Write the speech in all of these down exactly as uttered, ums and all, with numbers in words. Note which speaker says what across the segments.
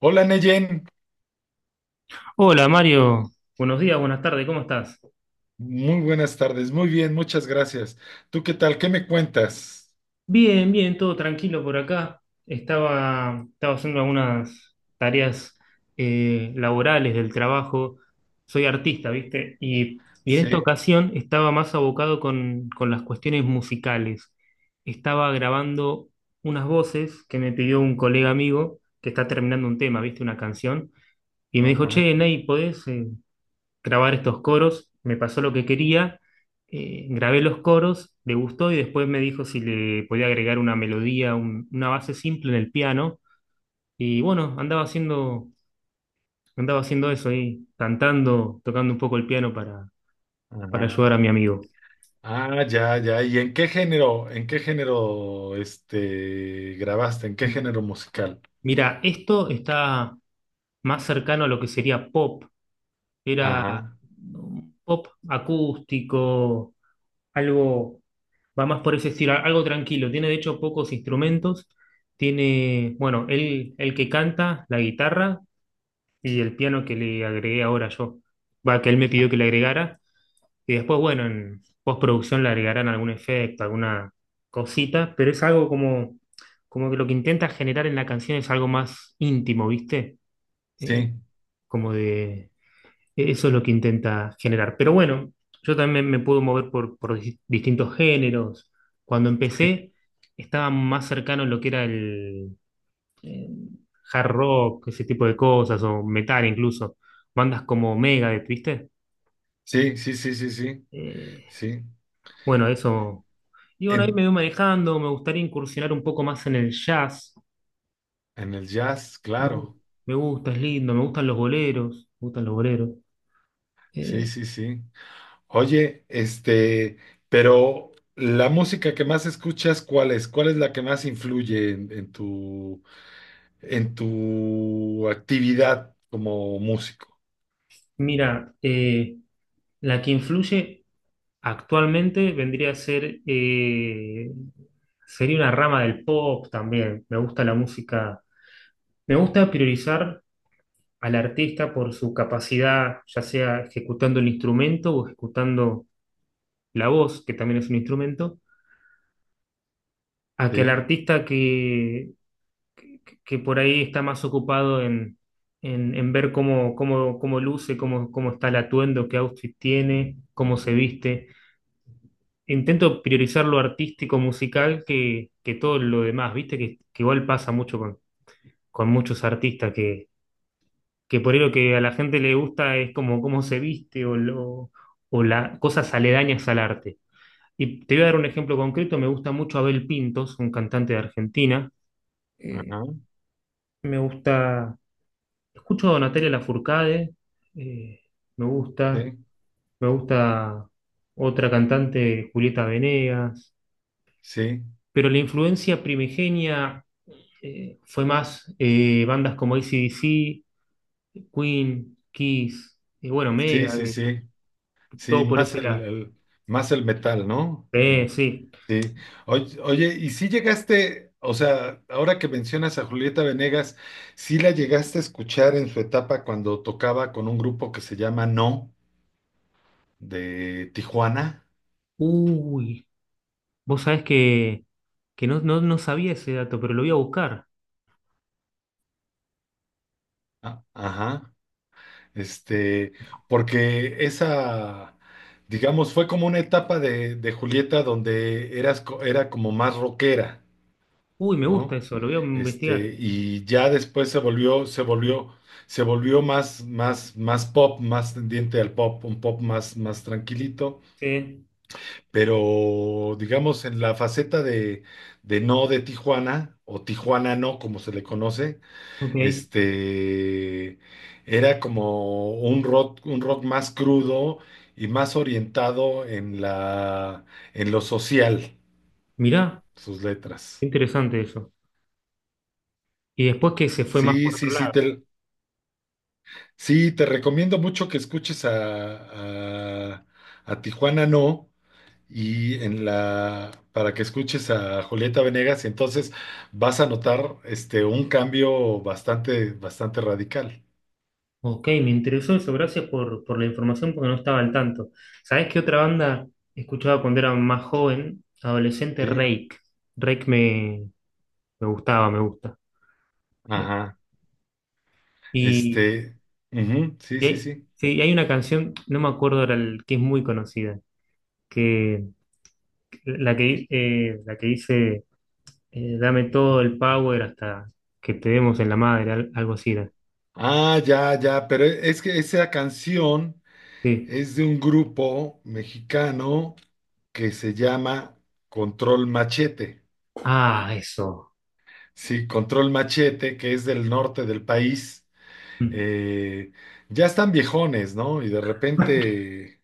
Speaker 1: Hola Neyen,
Speaker 2: Hola Mario, buenos días, buenas tardes, ¿cómo estás?
Speaker 1: muy buenas tardes, muy bien, muchas gracias. ¿Tú qué tal? ¿Qué me cuentas?
Speaker 2: Bien, bien, todo tranquilo por acá. Estaba, estaba haciendo algunas tareas eh, laborales del trabajo. Soy artista, ¿viste? Y, y en esta
Speaker 1: Sí.
Speaker 2: ocasión estaba más abocado con, con las cuestiones musicales. Estaba grabando unas voces que me pidió un colega amigo que está terminando un tema, ¿viste? Una canción. Y me dijo,
Speaker 1: Ajá,
Speaker 2: che, Ney, ¿podés, eh, grabar estos coros, me pasó lo que quería, eh, grabé los coros, le gustó y después me dijo si le podía agregar una melodía, un- una base simple en el piano. Y bueno, andaba haciendo, andaba haciendo eso ahí, cantando, tocando un poco el piano para, para
Speaker 1: ajá.
Speaker 2: ayudar a mi amigo.
Speaker 1: Ah, ya, ya. ¿Y en qué género, en qué género, este, grabaste? ¿En qué género musical?
Speaker 2: Mira, esto está más cercano a lo que sería pop, era
Speaker 1: Ajá.
Speaker 2: un pop acústico, algo va más por ese estilo, algo tranquilo. Tiene de hecho pocos instrumentos. Tiene, bueno, él, el que canta, la guitarra y el piano que le agregué ahora yo. Va, que él me pidió que le agregara. Y después, bueno, en postproducción le agregarán algún efecto, alguna cosita, pero es algo como, como que lo que intenta generar en la canción es algo más íntimo, ¿viste? Eh,
Speaker 1: Sí,
Speaker 2: como de e- eso es lo que intenta generar. Pero bueno, yo también me puedo mover por, por dis- distintos géneros. Cuando empecé, estaba más cercano a lo que era el, eh, hard rock, ese tipo de cosas, o metal incluso. Bandas como Megadeth, ¿viste?
Speaker 1: sí, sí, sí, sí, sí,
Speaker 2: Eh,
Speaker 1: sí.
Speaker 2: bueno, eso. Y bueno, ahí me
Speaker 1: En,
Speaker 2: voy manejando. Me gustaría incursionar un poco más en el jazz.
Speaker 1: en el jazz,
Speaker 2: Me, gu-
Speaker 1: claro.
Speaker 2: me gusta, es lindo. Me gustan los boleros. Me gustan los boleros.
Speaker 1: Sí,
Speaker 2: Eh,
Speaker 1: sí, sí. Oye, este, pero la música que más escuchas, ¿cuál es? ¿Cuál es la que más influye en, en tu en tu actividad como músico?
Speaker 2: mira, eh, la que influye. Actualmente vendría a ser, eh, sería una rama del pop también. Me gusta la música. Me gusta priorizar al artista por su capacidad, ya sea ejecutando el instrumento o ejecutando la voz, que también es un instrumento, a que al
Speaker 1: ¿Sí?
Speaker 2: artista que, que, que por ahí está más ocupado en, en, en ver cómo, cómo, cómo luce, cómo, cómo está el atuendo, qué outfit tiene, cómo se viste. Intento priorizar lo artístico musical que, que todo lo demás, ¿viste? Que, que igual pasa mucho con, con muchos artistas, que, que por ahí lo que a la gente le gusta es como cómo se viste o, lo, o la, cosas aledañas al arte. Y te voy a dar un ejemplo concreto, me gusta mucho Abel Pintos, un cantante de Argentina. Eh,
Speaker 1: Ajá,
Speaker 2: me gusta, escucho a Natalia Lafourcade, eh, me gusta,
Speaker 1: sí,
Speaker 2: me gusta otra cantante, Julieta Venegas,
Speaker 1: sí,
Speaker 2: pero la influencia primigenia eh, fue más eh, bandas como A C/D C, Queen, Kiss, y bueno,
Speaker 1: sí, sí,
Speaker 2: Megadeth,
Speaker 1: sí, sí,
Speaker 2: todo por
Speaker 1: más
Speaker 2: ese
Speaker 1: el,
Speaker 2: lado.
Speaker 1: el- más el metal, ¿no?
Speaker 2: Eh,
Speaker 1: En-
Speaker 2: sí.
Speaker 1: sí. Oye, oye, y si llegaste, o sea, ahora que mencionas a Julieta Venegas, ¿sí la llegaste a escuchar en su etapa cuando tocaba con un grupo que se llama No, de Tijuana?
Speaker 2: Uy, vos sabés que, que no, no, no sabía ese dato, pero lo voy a buscar.
Speaker 1: Ah, ajá. Este, porque esa, digamos, fue como una etapa de, de Julieta donde eras, co- era como más rockera,
Speaker 2: Uy, me gusta
Speaker 1: ¿no?
Speaker 2: eso, lo voy a investigar.
Speaker 1: Este, y ya después se volvió, se volvió, se volvió más, más, más pop, más tendiente al pop, un pop más, más tranquilito,
Speaker 2: Sí,
Speaker 1: pero digamos en la faceta de, de no de Tijuana, o Tijuana no, como se le conoce.
Speaker 2: ok.
Speaker 1: este era como un rock, un rock más crudo y más orientado en la, en lo social,
Speaker 2: Mirá,
Speaker 1: sus
Speaker 2: qué
Speaker 1: letras.
Speaker 2: interesante eso. Y después que se fue más
Speaker 1: Sí,
Speaker 2: por otro
Speaker 1: sí, sí,
Speaker 2: lado.
Speaker 1: te, sí, te recomiendo mucho que escuches a, a, a Tijuana No y en la para que escuches a Julieta Venegas y entonces vas a notar este un cambio bastante, bastante radical.
Speaker 2: Ok, me interesó eso, gracias por, por la información porque no estaba al tanto. ¿Sabés qué otra banda escuchaba cuando era más joven? Adolescente,
Speaker 1: ¿Sí?
Speaker 2: Rake. Rake me, Me gustaba, me gusta. Eh,
Speaker 1: Ajá.
Speaker 2: Y,
Speaker 1: Este, ujú, sí,
Speaker 2: y
Speaker 1: sí,
Speaker 2: hay,
Speaker 1: sí.
Speaker 2: sí, y hay una canción, no me acuerdo ahora, el- que es muy conocida, que la que, eh, la que dice, eh, dame todo el power hasta que te demos en la madre, al- algo así era.
Speaker 1: Ah, ya, ya, pero es que esa canción
Speaker 2: Sí.
Speaker 1: es de un grupo mexicano que se llama Control Machete.
Speaker 2: Ah, eso.
Speaker 1: Sí, Control Machete, que es del norte del país.
Speaker 2: Mm.
Speaker 1: Eh, ya están viejones, ¿no? Y de repente,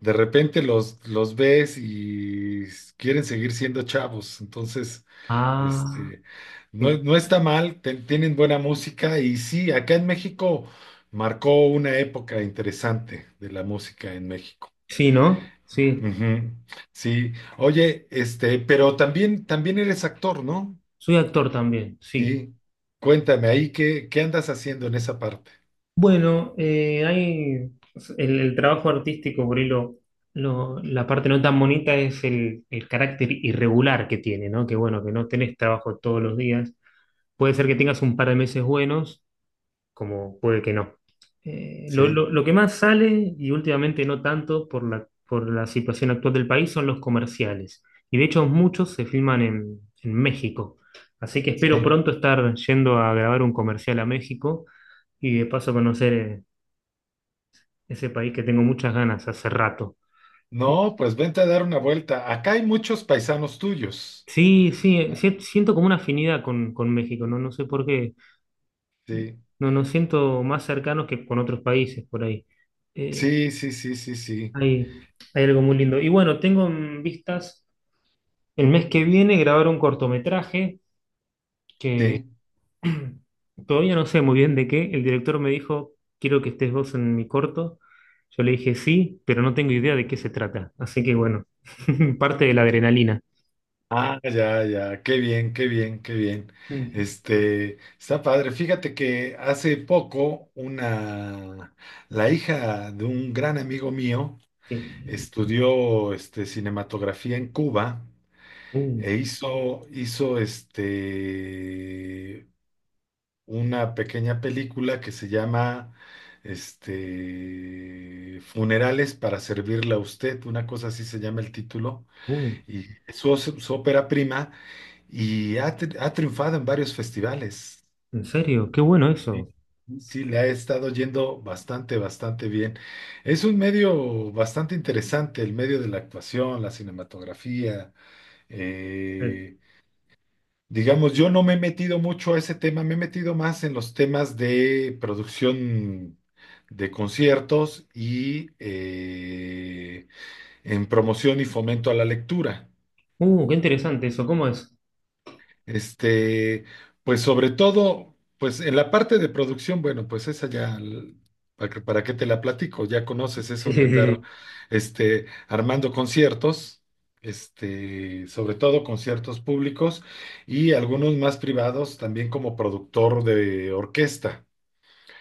Speaker 1: de repente los, los ves y quieren seguir siendo chavos. Entonces,
Speaker 2: Ah,
Speaker 1: Este, no,
Speaker 2: eh,
Speaker 1: no está mal, te- tienen buena música y sí, acá en México marcó una época interesante de la música en México.
Speaker 2: sí, ¿no? Sí.
Speaker 1: Ujú. Sí, oye, este, pero también, también eres actor, ¿no?
Speaker 2: Soy actor también, sí.
Speaker 1: Sí, cuéntame ahí qué, qué andas haciendo en esa parte.
Speaker 2: Bueno, eh, hay el, el trabajo artístico, por ahí lo- lo- la parte no tan bonita es el, el carácter irregular que tiene, ¿no? Que bueno, que no tenés trabajo todos los días. Puede ser que tengas un par de meses buenos, como puede que no. Eh, lo,
Speaker 1: Sí,
Speaker 2: lo- lo que más sale, y últimamente no tanto por la, por la situación actual del país, son los comerciales. Y de hecho muchos se filman en, en México. Así que espero
Speaker 1: sí.
Speaker 2: pronto estar yendo a grabar un comercial a México y de paso conocer... eh, ese país que tengo muchas ganas hace rato. Eh,
Speaker 1: No, pues vente a dar una vuelta. Acá hay muchos paisanos tuyos.
Speaker 2: Sí, sí, sí, siento como una afinidad con, con México, no, no sé por qué,
Speaker 1: Sí,
Speaker 2: no nos siento más cercanos que con otros países por ahí. Eh,
Speaker 1: sí, sí, sí, sí, sí.
Speaker 2: hay, hay algo muy lindo. Y bueno, tengo en vistas el mes que viene grabar un cortometraje que
Speaker 1: Sí.
Speaker 2: todavía no sé muy bien de qué. El director me dijo, quiero que estés vos en mi corto. Yo le dije sí, pero no tengo idea de qué se trata. Así que bueno, parte de la adrenalina.
Speaker 1: Ah, ya, ya, qué bien, qué bien, qué bien.
Speaker 2: Mm,
Speaker 1: Este, está padre. Fíjate que hace poco una, la hija de un gran amigo mío
Speaker 2: sí.
Speaker 1: estudió este, cinematografía en Cuba e hizo, hizo este, una pequeña película que se llama este, Funerales para servirle a usted, una cosa así se llama el título,
Speaker 2: Uh,
Speaker 1: y es su, su ópera prima y ha, tri- ha triunfado en varios festivales.
Speaker 2: ¿en serio? Qué bueno
Speaker 1: Sí,
Speaker 2: eso.
Speaker 1: sí, le ha estado yendo bastante, bastante bien. Es un medio bastante interesante, el medio de la actuación, la cinematografía.
Speaker 2: Eh,
Speaker 1: eh, digamos, yo no me he metido mucho a ese tema, me he metido más en los temas de producción de conciertos y eh, en promoción y fomento a la lectura.
Speaker 2: Uh, qué interesante eso. ¿Cómo es?
Speaker 1: Este, pues sobre todo, pues en la parte de producción, bueno, pues esa ya, l- ¿para qué, para qué te la platico? Ya conoces
Speaker 2: Sí,
Speaker 1: eso
Speaker 2: sí,
Speaker 1: de
Speaker 2: sí,
Speaker 1: andar,
Speaker 2: sí.
Speaker 1: este, armando conciertos, este, sobre todo conciertos públicos y algunos más privados, también como productor de orquesta.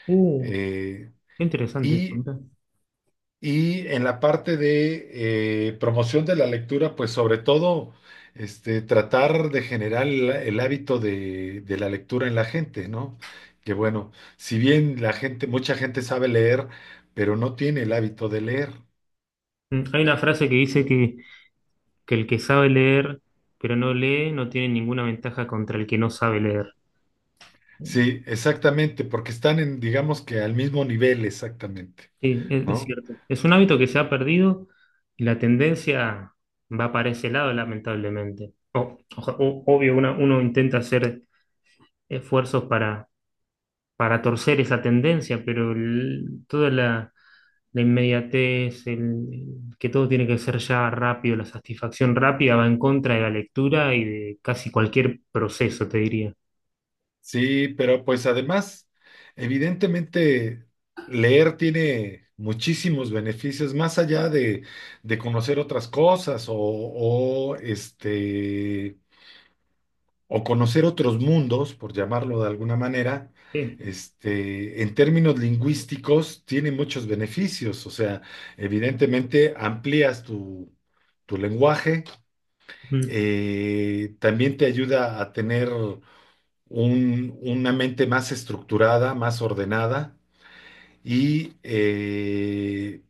Speaker 2: Uh,
Speaker 1: Eh,
Speaker 2: qué interesante eso,
Speaker 1: y
Speaker 2: mirá.
Speaker 1: y en la parte de eh, promoción de la lectura, pues sobre todo este, tratar de generar el, el hábito de, de la lectura en la gente, ¿no? Que bueno, si bien la gente, mucha gente sabe leer, pero no tiene el hábito de leer.
Speaker 2: Mm, hay una frase que dice que, que el que sabe leer pero no lee no tiene ninguna ventaja contra el que no sabe leer.
Speaker 1: Sí, exactamente, porque están en, digamos que al mismo nivel, exactamente,
Speaker 2: Sí, es, es
Speaker 1: ¿no?
Speaker 2: cierto. Es un hábito que se ha perdido y la tendencia va para ese lado, lamentablemente. O- oja- o- obvio, una- uno intenta hacer esfuerzos para, para torcer esa tendencia, pero el- toda la, la inmediatez, el, que todo tiene que ser ya rápido, la satisfacción rápida va en contra de la lectura y de casi cualquier proceso, te diría.
Speaker 1: Sí, pero pues además, evidentemente, leer tiene muchísimos beneficios, más allá de, de conocer otras cosas o, o, este, o conocer otros mundos, por llamarlo de alguna manera,
Speaker 2: Sí,
Speaker 1: este, en términos lingüísticos, tiene muchos beneficios. O sea, evidentemente amplías tu, tu lenguaje,
Speaker 2: mm,
Speaker 1: eh, también te ayuda a tener un- una mente más estructurada, más ordenada y eh,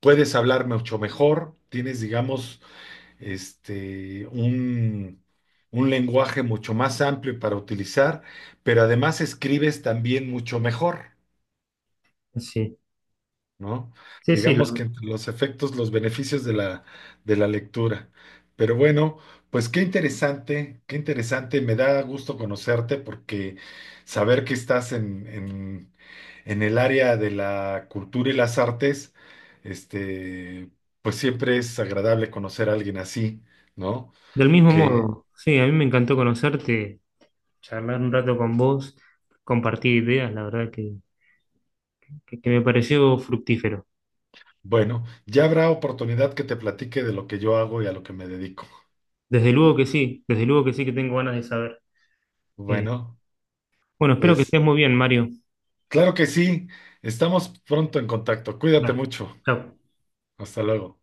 Speaker 1: puedes hablar mucho mejor, tienes, digamos, este, un, un lenguaje mucho más amplio para utilizar, pero además escribes también mucho mejor.
Speaker 2: sí,
Speaker 1: ¿No?
Speaker 2: sí, sí,
Speaker 1: Digamos
Speaker 2: lo-
Speaker 1: que entre los efectos, los beneficios de la, de la lectura. Pero bueno, pues qué interesante, qué interesante, me da gusto conocerte porque saber que estás en, en, en el área de la cultura y las artes, este, pues siempre es agradable conocer a alguien así, ¿no?
Speaker 2: del mismo
Speaker 1: Que,
Speaker 2: modo. Sí, a mí me encantó conocerte, charlar un rato con vos, compartir ideas, la verdad que, que, que me pareció fructífero.
Speaker 1: bueno, ya habrá oportunidad que te platique de lo que yo hago y a lo que me dedico.
Speaker 2: Desde luego que sí, desde luego que sí que tengo ganas de saber. Eh,
Speaker 1: Bueno,
Speaker 2: bueno, espero que
Speaker 1: pues...
Speaker 2: estés muy bien, Mario.
Speaker 1: Claro que sí. Estamos pronto en contacto. Cuídate
Speaker 2: Dale,
Speaker 1: mucho.
Speaker 2: chao.
Speaker 1: Hasta luego.